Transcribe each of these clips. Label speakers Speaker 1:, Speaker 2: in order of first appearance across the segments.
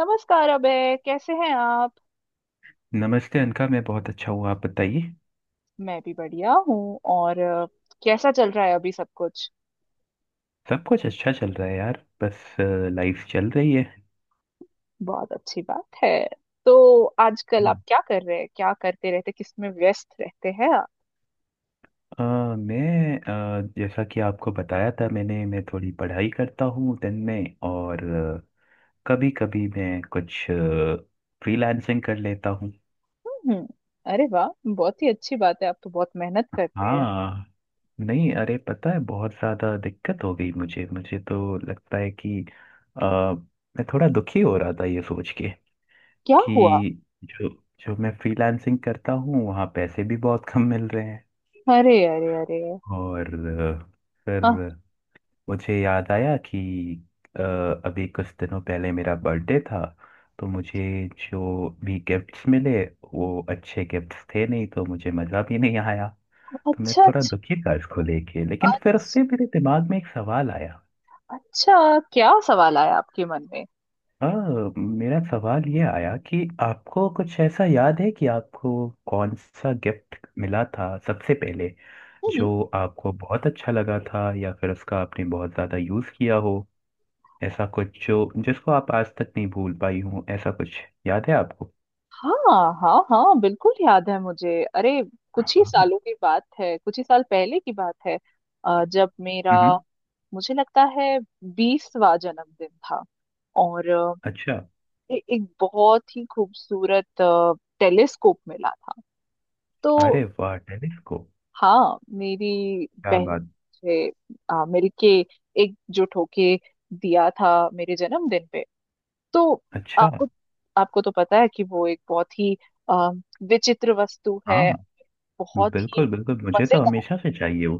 Speaker 1: नमस्कार अबे। कैसे हैं आप?
Speaker 2: नमस्ते अनका। मैं बहुत अच्छा हूँ, आप बताइए।
Speaker 1: मैं भी बढ़िया हूँ। और कैसा चल रहा है अभी सब कुछ?
Speaker 2: सब कुछ अच्छा चल रहा है यार, बस लाइफ चल रही है।
Speaker 1: बहुत अच्छी बात है। तो आजकल आप
Speaker 2: हम्म।
Speaker 1: क्या कर रहे हैं, क्या करते रहते, किसमें व्यस्त रहते हैं आप?
Speaker 2: अ, मैं जैसा कि आपको बताया था, मैं थोड़ी पढ़ाई करता हूँ दिन में, और कभी कभी मैं कुछ फ्रीलांसिंग कर लेता हूँ।
Speaker 1: हम्म। अरे वाह, बहुत ही अच्छी बात है, आप तो बहुत मेहनत करते हैं।
Speaker 2: हाँ, नहीं अरे पता है, बहुत ज़्यादा दिक्कत हो गई। मुझे मुझे तो लगता है कि अ, मैं थोड़ा दुखी हो रहा था ये सोच के
Speaker 1: क्या हुआ?
Speaker 2: कि जो जो मैं फ्रीलांसिंग करता हूँ वहाँ पैसे भी बहुत कम मिल रहे हैं।
Speaker 1: अरे अरे अरे!
Speaker 2: और फिर
Speaker 1: हाँ।
Speaker 2: मुझे याद आया कि अ, अभी कुछ दिनों पहले मेरा बर्थडे था, तो मुझे जो भी गिफ्ट्स मिले वो अच्छे गिफ्ट्स थे नहीं, तो मुझे मज़ा भी नहीं आया।
Speaker 1: अच्छा
Speaker 2: तो मैं
Speaker 1: अच्छा
Speaker 2: थोड़ा दुखी था इसको लेके, लेकिन फिर
Speaker 1: अच्छा।
Speaker 2: उससे मेरे दिमाग में एक सवाल आया।
Speaker 1: अच्छा, क्या सवाल आया आपके मन में?
Speaker 2: अ, मेरा सवाल ये आया कि आपको कुछ ऐसा याद है कि आपको कौन सा गिफ्ट मिला था सबसे पहले, जो आपको बहुत अच्छा लगा था या फिर उसका आपने बहुत ज़्यादा यूज़ किया हो? ऐसा कुछ जो, जिसको आप आज तक नहीं भूल पाई हो, ऐसा कुछ याद है आपको?
Speaker 1: हाँ हाँ हाँ, बिल्कुल याद है मुझे, अरे। कुछ ही
Speaker 2: हाँ।
Speaker 1: सालों की बात है, कुछ ही साल पहले की बात है। जब मेरा,
Speaker 2: हम्म।
Speaker 1: मुझे लगता है, 20वां जन्मदिन था। और
Speaker 2: अच्छा।
Speaker 1: एक बहुत ही खूबसूरत टेलीस्कोप मिला था, तो
Speaker 2: अरे वाह टेलीस्कोप!
Speaker 1: हाँ, मेरी
Speaker 2: क्या
Speaker 1: बहन ने
Speaker 2: बात।
Speaker 1: मुझे मिलके, एकजुट होके दिया था मेरे जन्मदिन पे, तो
Speaker 2: अच्छा।
Speaker 1: आपको आपको तो पता है कि वो एक बहुत ही अ, विचित्र वस्तु है।
Speaker 2: हाँ
Speaker 1: बहुत ही
Speaker 2: बिल्कुल बिल्कुल, मुझे तो
Speaker 1: मजेदार।
Speaker 2: हमेशा से चाहिए वो।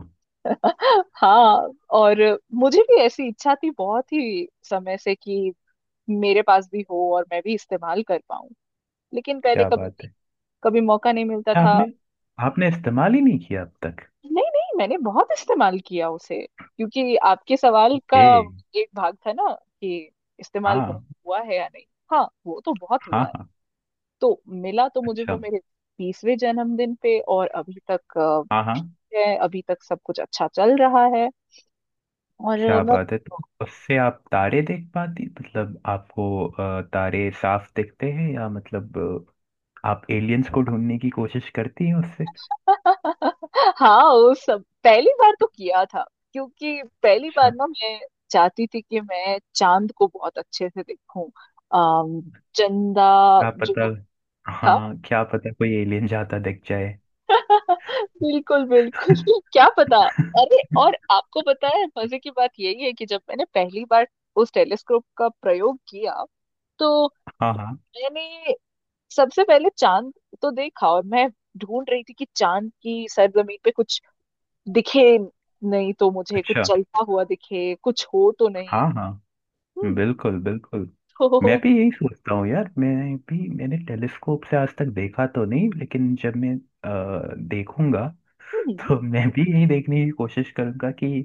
Speaker 1: हाँ, और मुझे भी ऐसी इच्छा थी बहुत ही समय से कि मेरे पास भी हो और मैं भी इस्तेमाल कर पाऊं। लेकिन पहले
Speaker 2: क्या
Speaker 1: कभी
Speaker 2: बात है।
Speaker 1: कभी मौका नहीं मिलता
Speaker 2: अच्छा,
Speaker 1: था।
Speaker 2: आपने आपने इस्तेमाल ही नहीं किया अब तक?
Speaker 1: नहीं नहीं, मैंने बहुत इस्तेमाल किया उसे, क्योंकि आपके सवाल का
Speaker 2: ए,
Speaker 1: एक भाग था ना, कि इस्तेमाल बहुत
Speaker 2: हाँ
Speaker 1: हुआ है या नहीं। हाँ, वो तो बहुत
Speaker 2: हाँ
Speaker 1: हुआ है।
Speaker 2: हाँ।
Speaker 1: तो मिला तो मुझे वो
Speaker 2: अच्छा।
Speaker 1: मेरे 30वें जन्मदिन पे, और अभी तक
Speaker 2: हाँ हाँ,
Speaker 1: ठीक है, अभी तक सब कुछ अच्छा चल रहा है। और
Speaker 2: क्या
Speaker 1: मैं।
Speaker 2: बात है। तो उससे आप तारे देख पाती, मतलब आपको तारे साफ दिखते हैं, या मतलब आप एलियंस को ढूंढने की कोशिश करती हैं उससे?
Speaker 1: हाँ, वो सब पहली बार तो किया था। क्योंकि पहली बार
Speaker 2: अच्छा।
Speaker 1: ना, मैं चाहती थी कि मैं चांद को बहुत अच्छे से देखूं। अम, चंदा
Speaker 2: क्या पता।
Speaker 1: जो था।
Speaker 2: हाँ, क्या पता कोई एलियन जाता दिख जाए।
Speaker 1: बिल्कुल बिल्कुल। क्या पता। अरे, और आपको पता है, मजे की बात यही है कि जब मैंने पहली बार उस टेलीस्कोप का प्रयोग किया, तो
Speaker 2: हाँ हाँ।
Speaker 1: मैंने सबसे पहले चांद तो देखा, और मैं ढूंढ रही थी कि चांद की सरजमीन पे कुछ दिखे, नहीं तो मुझे कुछ
Speaker 2: अच्छा।
Speaker 1: चलता हुआ दिखे, कुछ हो तो नहीं।
Speaker 2: हाँ हाँ,
Speaker 1: हम्म।
Speaker 2: बिल्कुल बिल्कुल। मैं
Speaker 1: तो
Speaker 2: भी यही सोचता हूँ यार, मैं भी मैंने टेलीस्कोप से आज तक देखा तो नहीं, लेकिन जब मैं देखूंगा
Speaker 1: हम्म।
Speaker 2: तो मैं भी यही देखने की कोशिश करूंगा कि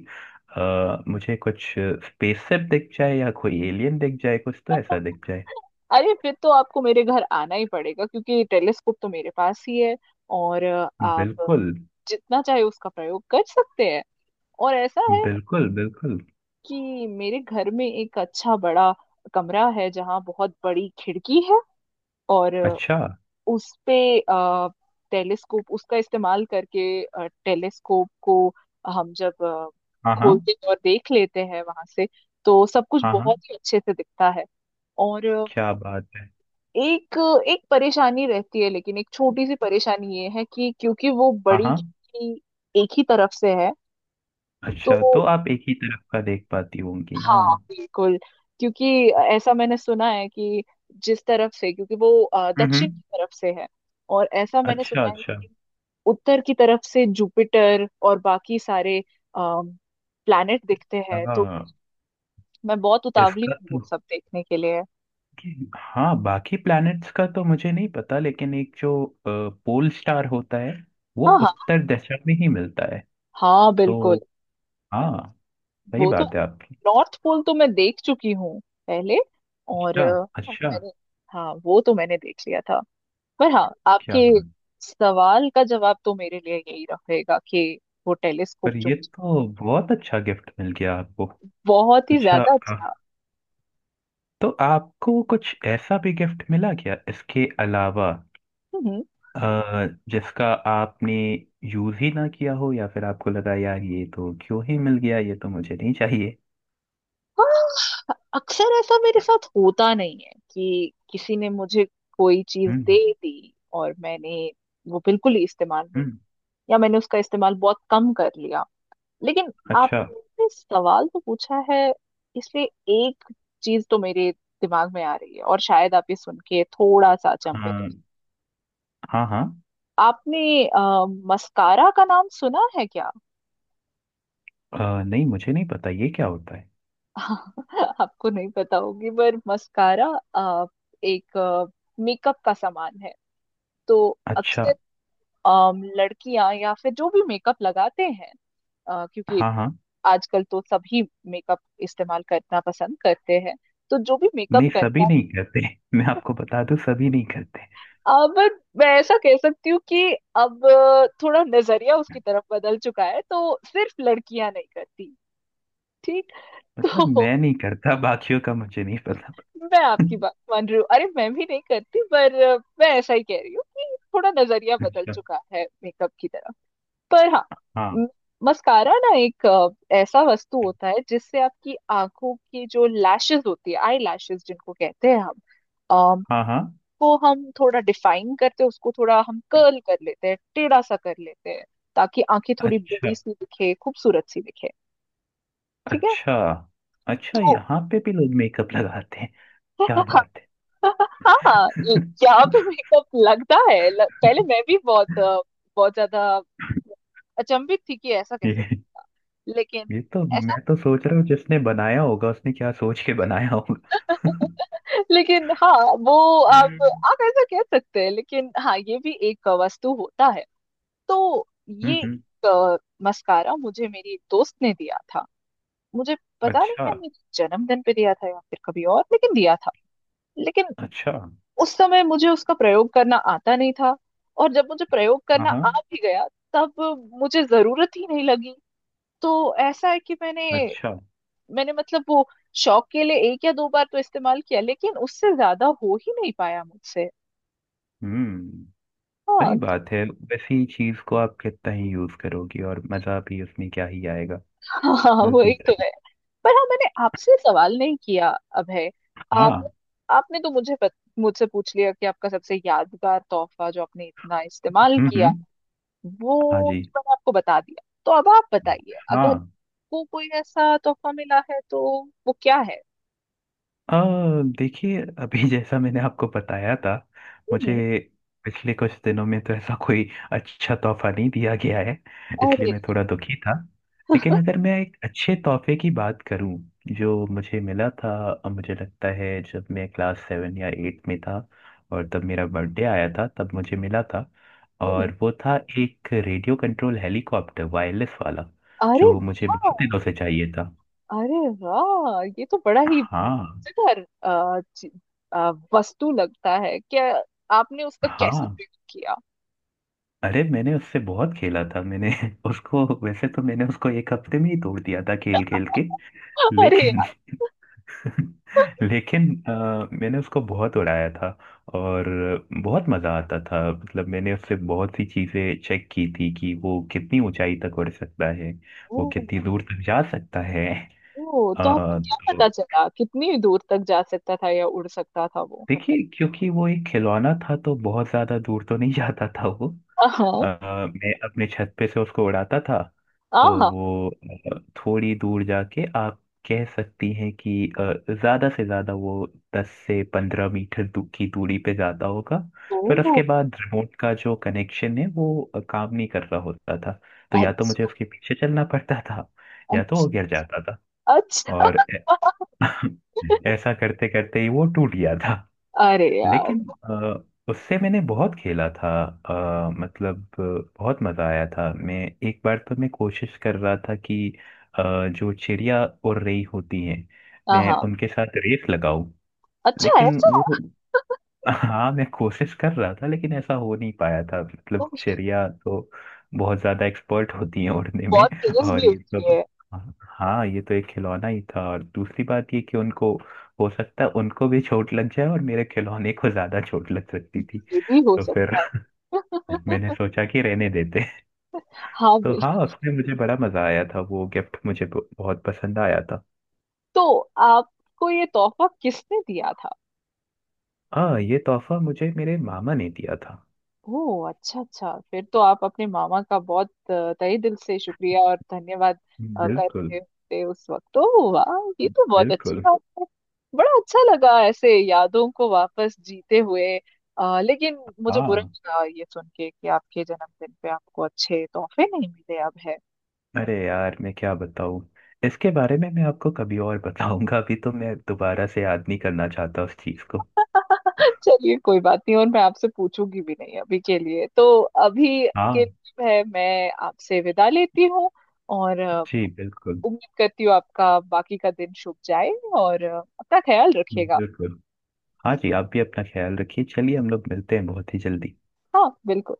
Speaker 2: मुझे कुछ स्पेसशिप दिख जाए या कोई एलियन दिख जाए, कुछ तो ऐसा दिख जाए।
Speaker 1: अरे, फिर तो आपको मेरे घर आना ही पड़ेगा, क्योंकि टेलीस्कोप तो मेरे पास ही है। और आप
Speaker 2: बिल्कुल।
Speaker 1: जितना चाहे उसका प्रयोग कर सकते हैं। और ऐसा है
Speaker 2: बिल्कुल बिल्कुल।
Speaker 1: कि मेरे घर में एक अच्छा बड़ा कमरा है, जहाँ बहुत बड़ी खिड़की है। और
Speaker 2: अच्छा।
Speaker 1: उस पे अ, टेलीस्कोप, उसका इस्तेमाल करके, टेलीस्कोप को हम जब
Speaker 2: हाँ हाँ।
Speaker 1: खोलते हैं और देख लेते हैं वहां से, तो सब कुछ
Speaker 2: हाँ हाँ।
Speaker 1: बहुत ही अच्छे से दिखता है। और
Speaker 2: क्या बात है।
Speaker 1: एक एक परेशानी रहती है, लेकिन एक छोटी सी परेशानी ये है कि क्योंकि वो
Speaker 2: हाँ
Speaker 1: बड़ी
Speaker 2: हाँ।
Speaker 1: खिड़की एक ही तरफ से है। तो
Speaker 2: अच्छा, तो आप एक ही तरफ का देख पाती होंगी,
Speaker 1: हाँ,
Speaker 2: हाँ।
Speaker 1: बिल्कुल। क्योंकि ऐसा मैंने सुना है कि जिस तरफ से, क्योंकि वो दक्षिण
Speaker 2: हम्म।
Speaker 1: की तरफ से है, और ऐसा मैंने
Speaker 2: अच्छा
Speaker 1: सुना है,
Speaker 2: अच्छा।
Speaker 1: उत्तर की तरफ से जुपिटर और बाकी सारे प्लैनेट दिखते हैं, तो
Speaker 2: हाँ।
Speaker 1: मैं बहुत उतावली
Speaker 2: इसका
Speaker 1: हूँ वो
Speaker 2: तो
Speaker 1: सब देखने के लिए।
Speaker 2: हाँ बाकी प्लैनेट्स का तो मुझे नहीं पता, लेकिन एक जो पोल स्टार होता है वो
Speaker 1: हाँ हाँ
Speaker 2: उत्तर दिशा में ही मिलता है।
Speaker 1: हाँ,
Speaker 2: तो
Speaker 1: बिल्कुल।
Speaker 2: हाँ, सही
Speaker 1: वो तो
Speaker 2: बात है आपकी।
Speaker 1: नॉर्थ पोल तो मैं देख चुकी हूँ पहले। और
Speaker 2: अच्छा। अच्छा।
Speaker 1: मैंने, हाँ वो तो मैंने देख लिया था। पर हाँ,
Speaker 2: क्या
Speaker 1: आपके
Speaker 2: बात।
Speaker 1: सवाल का जवाब तो मेरे लिए यही रहेगा कि वो टेलीस्कोप,
Speaker 2: पर
Speaker 1: जो
Speaker 2: ये तो बहुत अच्छा गिफ्ट मिल गया आपको।
Speaker 1: बहुत ही
Speaker 2: अच्छा।
Speaker 1: ज्यादा
Speaker 2: आ,
Speaker 1: अच्छा।
Speaker 2: तो आपको कुछ ऐसा भी गिफ्ट मिला क्या इसके अलावा,
Speaker 1: हम्म।
Speaker 2: आ, जिसका आपने यूज ही ना किया हो, या फिर आपको लगा यार ये तो क्यों ही मिल गया, ये तो मुझे नहीं चाहिए।
Speaker 1: हाँ, अक्सर ऐसा मेरे साथ होता नहीं है कि किसी ने मुझे कोई चीज दे
Speaker 2: हम्म
Speaker 1: दी और मैंने वो बिल्कुल ही इस्तेमाल नहीं,
Speaker 2: हम्म।
Speaker 1: या मैंने उसका इस्तेमाल बहुत कम कर लिया। लेकिन
Speaker 2: अच्छा।
Speaker 1: आपने सवाल तो पूछा है, इसलिए एक चीज तो मेरे दिमाग में आ रही है, और शायद आप ये सुन के थोड़ा सा अचंभित हो।
Speaker 2: हाँ हाँ हाँ।
Speaker 1: आपने आ, मस्कारा का नाम सुना है क्या?
Speaker 2: आ, नहीं मुझे नहीं पता ये क्या होता है।
Speaker 1: आपको नहीं पता होगी, पर मस्कारा अ, एक मेकअप का सामान है। तो
Speaker 2: अच्छा।
Speaker 1: अक्सर लड़कियां, या फिर जो भी मेकअप लगाते हैं, क्योंकि
Speaker 2: हाँ हाँ।
Speaker 1: आजकल तो सभी मेकअप इस्तेमाल करना पसंद करते हैं, तो जो भी मेकअप
Speaker 2: नहीं
Speaker 1: करता
Speaker 2: सभी
Speaker 1: है,
Speaker 2: नहीं करते। मैं आपको बता दूं, सभी नहीं करते।
Speaker 1: अब मैं ऐसा कह सकती हूँ कि अब थोड़ा नजरिया उसकी तरफ बदल चुका है, तो सिर्फ लड़कियां नहीं करती। ठीक।
Speaker 2: मतलब
Speaker 1: तो
Speaker 2: मैं नहीं करता, बाकियों का मुझे नहीं पता।
Speaker 1: मैं आपकी बात मान रही हूँ। अरे, मैं भी नहीं करती, पर मैं ऐसा ही कह रही हूँ कि थोड़ा नजरिया बदल
Speaker 2: अच्छा।
Speaker 1: चुका है मेकअप की तरफ। पर हाँ,
Speaker 2: हाँ
Speaker 1: मस्कारा ना एक ऐसा वस्तु होता है, जिससे आपकी आंखों की जो लैशेस होती है, आई लैशेस जिनको कहते हैं हम, अम,
Speaker 2: हाँ। हाँ।
Speaker 1: को हम थोड़ा डिफाइन करते हैं, उसको थोड़ा हम कर्ल कर लेते हैं, टेढ़ा सा कर लेते हैं, ताकि आंखें थोड़ी
Speaker 2: अच्छा।
Speaker 1: बड़ी सी दिखे, खूबसूरत सी दिखे। ठीक है।
Speaker 2: अच्छा। अच्छा
Speaker 1: तो
Speaker 2: यहाँ पे भी लोग मेकअप लगाते हैं? क्या बात है।
Speaker 1: हाँ, यहाँ पे मेकअप लगता है। पहले मैं भी बहुत बहुत ज्यादा अचंभित थी कि ऐसा कैसे।
Speaker 2: ये
Speaker 1: लेकिन
Speaker 2: ये तो
Speaker 1: ऐसा।
Speaker 2: मैं तो सोच रहा हूँ जिसने बनाया होगा उसने क्या सोच के बनाया होगा।
Speaker 1: लेकिन हाँ, वो, आप
Speaker 2: हम्म।
Speaker 1: आप ऐसा कह सकते हैं, लेकिन हाँ, ये भी एक वस्तु होता है। तो ये
Speaker 2: हम्म।
Speaker 1: एक मस्कारा मुझे मेरी एक दोस्त ने दिया था। मुझे पता नहीं
Speaker 2: अच्छा।
Speaker 1: है, मेरे जन्मदिन पे दिया था या फिर कभी और, लेकिन दिया था। लेकिन
Speaker 2: अच्छा।
Speaker 1: उस समय मुझे उसका प्रयोग करना आता नहीं था। और जब मुझे प्रयोग
Speaker 2: हाँ
Speaker 1: करना आ
Speaker 2: हाँ।
Speaker 1: भी गया, तब मुझे जरूरत ही नहीं लगी। तो ऐसा है कि मैंने
Speaker 2: अच्छा।
Speaker 1: मैंने मतलब वो शौक के लिए एक या दो बार तो इस्तेमाल किया, लेकिन उससे ज्यादा हो ही नहीं पाया मुझसे।
Speaker 2: हम्म। सही
Speaker 1: हाँ।
Speaker 2: बात है, वैसी चीज को आप कितना ही यूज करोगी और मजा भी उसमें क्या ही आएगा।
Speaker 1: हाँ
Speaker 2: बिल्कुल
Speaker 1: वही तो
Speaker 2: सही।
Speaker 1: है। पर हाँ, मैंने आपसे सवाल नहीं किया, अभय। आप
Speaker 2: हाँ।
Speaker 1: आपने तो मुझसे पूछ लिया कि आपका सबसे यादगार तोहफा, जो आपने इतना इस्तेमाल किया,
Speaker 2: हम्म। हाँ
Speaker 1: वो
Speaker 2: जी।
Speaker 1: तो मैंने आपको बता दिया। तो अब आप बताइए, अगर
Speaker 2: हाँ।
Speaker 1: आपको कोई ऐसा तोहफा मिला है तो वो क्या है?
Speaker 2: अ, देखिए अभी जैसा मैंने आपको बताया था, मुझे
Speaker 1: हम्म।
Speaker 2: पिछले कुछ दिनों में तो ऐसा कोई अच्छा तोहफा नहीं दिया गया है, इसलिए
Speaker 1: अरे,
Speaker 2: मैं थोड़ा दुखी था। लेकिन अगर मैं एक अच्छे तोहफे की बात करूं जो मुझे मिला था, मुझे लगता है जब मैं क्लास 7 या 8 में था, और तब मेरा बर्थडे आया था तब मुझे मिला था।
Speaker 1: हम्म।
Speaker 2: और वो था एक रेडियो कंट्रोल हेलीकॉप्टर, वायरलेस वाला,
Speaker 1: अरे
Speaker 2: जो मुझे बहुत
Speaker 1: वाह!
Speaker 2: दिनों से चाहिए था।
Speaker 1: अरे वाह, ये तो बड़ा ही
Speaker 2: हाँ
Speaker 1: मजेदार अ, वस्तु लगता है क्या? आपने उसका कैसे
Speaker 2: हाँ।
Speaker 1: प्रयोग किया?
Speaker 2: अरे मैंने उससे बहुत खेला था। मैंने उसको, वैसे तो मैंने उसको एक हफ्ते में ही तोड़ दिया था खेल खेल के,
Speaker 1: अरे।
Speaker 2: लेकिन लेकिन मैंने उसको बहुत उड़ाया था। और बहुत मजा आता था, मतलब मैंने उससे बहुत सी चीजें चेक की थी कि वो कितनी ऊंचाई तक उड़ सकता है, वो
Speaker 1: ओ।
Speaker 2: कितनी दूर तक जा सकता है।
Speaker 1: ओ, तो आपको क्या
Speaker 2: तो
Speaker 1: पता चला, कितनी दूर तक जा सकता था या उड़ सकता था वो?
Speaker 2: देखिए क्योंकि वो एक खिलौना था तो बहुत ज्यादा दूर तो नहीं जाता था वो।
Speaker 1: हाँ
Speaker 2: मैं अपने छत पे से उसको उड़ाता था, तो
Speaker 1: हाँ।
Speaker 2: वो थोड़ी दूर जाके, आप कह सकती हैं कि अ, ज्यादा से ज्यादा वो 10 से 15 मीटर की दूरी पे जाता होगा। फिर
Speaker 1: ओ,
Speaker 2: उसके बाद रिमोट का जो कनेक्शन है वो काम नहीं कर रहा होता था। तो या तो
Speaker 1: अच्छा
Speaker 2: मुझे उसके पीछे चलना पड़ता था, या तो वो
Speaker 1: अच्छा
Speaker 2: गिर जाता था।
Speaker 1: अच्छा।
Speaker 2: और ऐसा करते करते ही वो टूट गया था।
Speaker 1: अरे यार!
Speaker 2: लेकिन उससे मैंने बहुत खेला था। मतलब बहुत मज़ा आया था। मैं एक बार तो मैं कोशिश कर रहा था कि अ, जो चिड़िया उड़ रही होती हैं मैं
Speaker 1: हाँ,
Speaker 2: उनके साथ रेस लगाऊं।
Speaker 1: अच्छा
Speaker 2: लेकिन
Speaker 1: ऐसा।
Speaker 2: वो, हाँ मैं कोशिश कर रहा था लेकिन ऐसा हो नहीं पाया था। मतलब
Speaker 1: ओ,
Speaker 2: चिड़िया तो बहुत ज्यादा एक्सपर्ट होती है उड़ने में,
Speaker 1: बहुत तेज
Speaker 2: और
Speaker 1: भी
Speaker 2: ये
Speaker 1: होती
Speaker 2: तो
Speaker 1: है।
Speaker 2: हाँ ये तो एक खिलौना ही था। और दूसरी बात ये कि उनको, हो सकता है उनको भी चोट लग जाए और मेरे खिलौने को ज्यादा चोट लग सकती थी।
Speaker 1: ये भी हो
Speaker 2: तो फिर
Speaker 1: सकता है।
Speaker 2: मैंने सोचा कि रहने देते।
Speaker 1: हाँ,
Speaker 2: तो
Speaker 1: बिल
Speaker 2: हाँ उसमें मुझे बड़ा मजा आया था, वो गिफ्ट मुझे बहुत पसंद आया था।
Speaker 1: तो आपको ये तोहफा किसने दिया था?
Speaker 2: हाँ ये तोहफा मुझे मेरे मामा ने दिया था।
Speaker 1: ओह, अच्छा अच्छा, फिर तो आप अपने मामा का बहुत तहे दिल से शुक्रिया और धन्यवाद
Speaker 2: बिल्कुल।
Speaker 1: करते थे उस वक्त। तो वाह, ये तो बहुत
Speaker 2: बिल्कुल।
Speaker 1: अच्छा बात है। बड़ा अच्छा लगा ऐसे यादों को वापस जीते हुए। लेकिन मुझे बुरा
Speaker 2: हाँ।
Speaker 1: लगा ये सुन के कि आपके जन्मदिन पे आपको अच्छे तोहफे नहीं मिले, अब है।
Speaker 2: अरे यार मैं क्या बताऊं, इसके बारे में मैं आपको कभी और बताऊंगा, अभी तो मैं दोबारा से याद नहीं करना चाहता उस चीज को।
Speaker 1: चलिए, कोई बात नहीं, और मैं आपसे पूछूंगी भी नहीं अभी के लिए। तो अभी
Speaker 2: हाँ
Speaker 1: के लिए है, मैं आपसे विदा लेती हूँ। और
Speaker 2: जी, बिल्कुल।
Speaker 1: उम्मीद करती हूँ आपका बाकी का दिन शुभ जाए। और अपना ख्याल रखिएगा।
Speaker 2: बिल्कुल। हाँ जी, आप भी अपना ख्याल रखिए, चलिए हम लोग मिलते हैं बहुत ही जल्दी।
Speaker 1: हाँ बिल्कुल।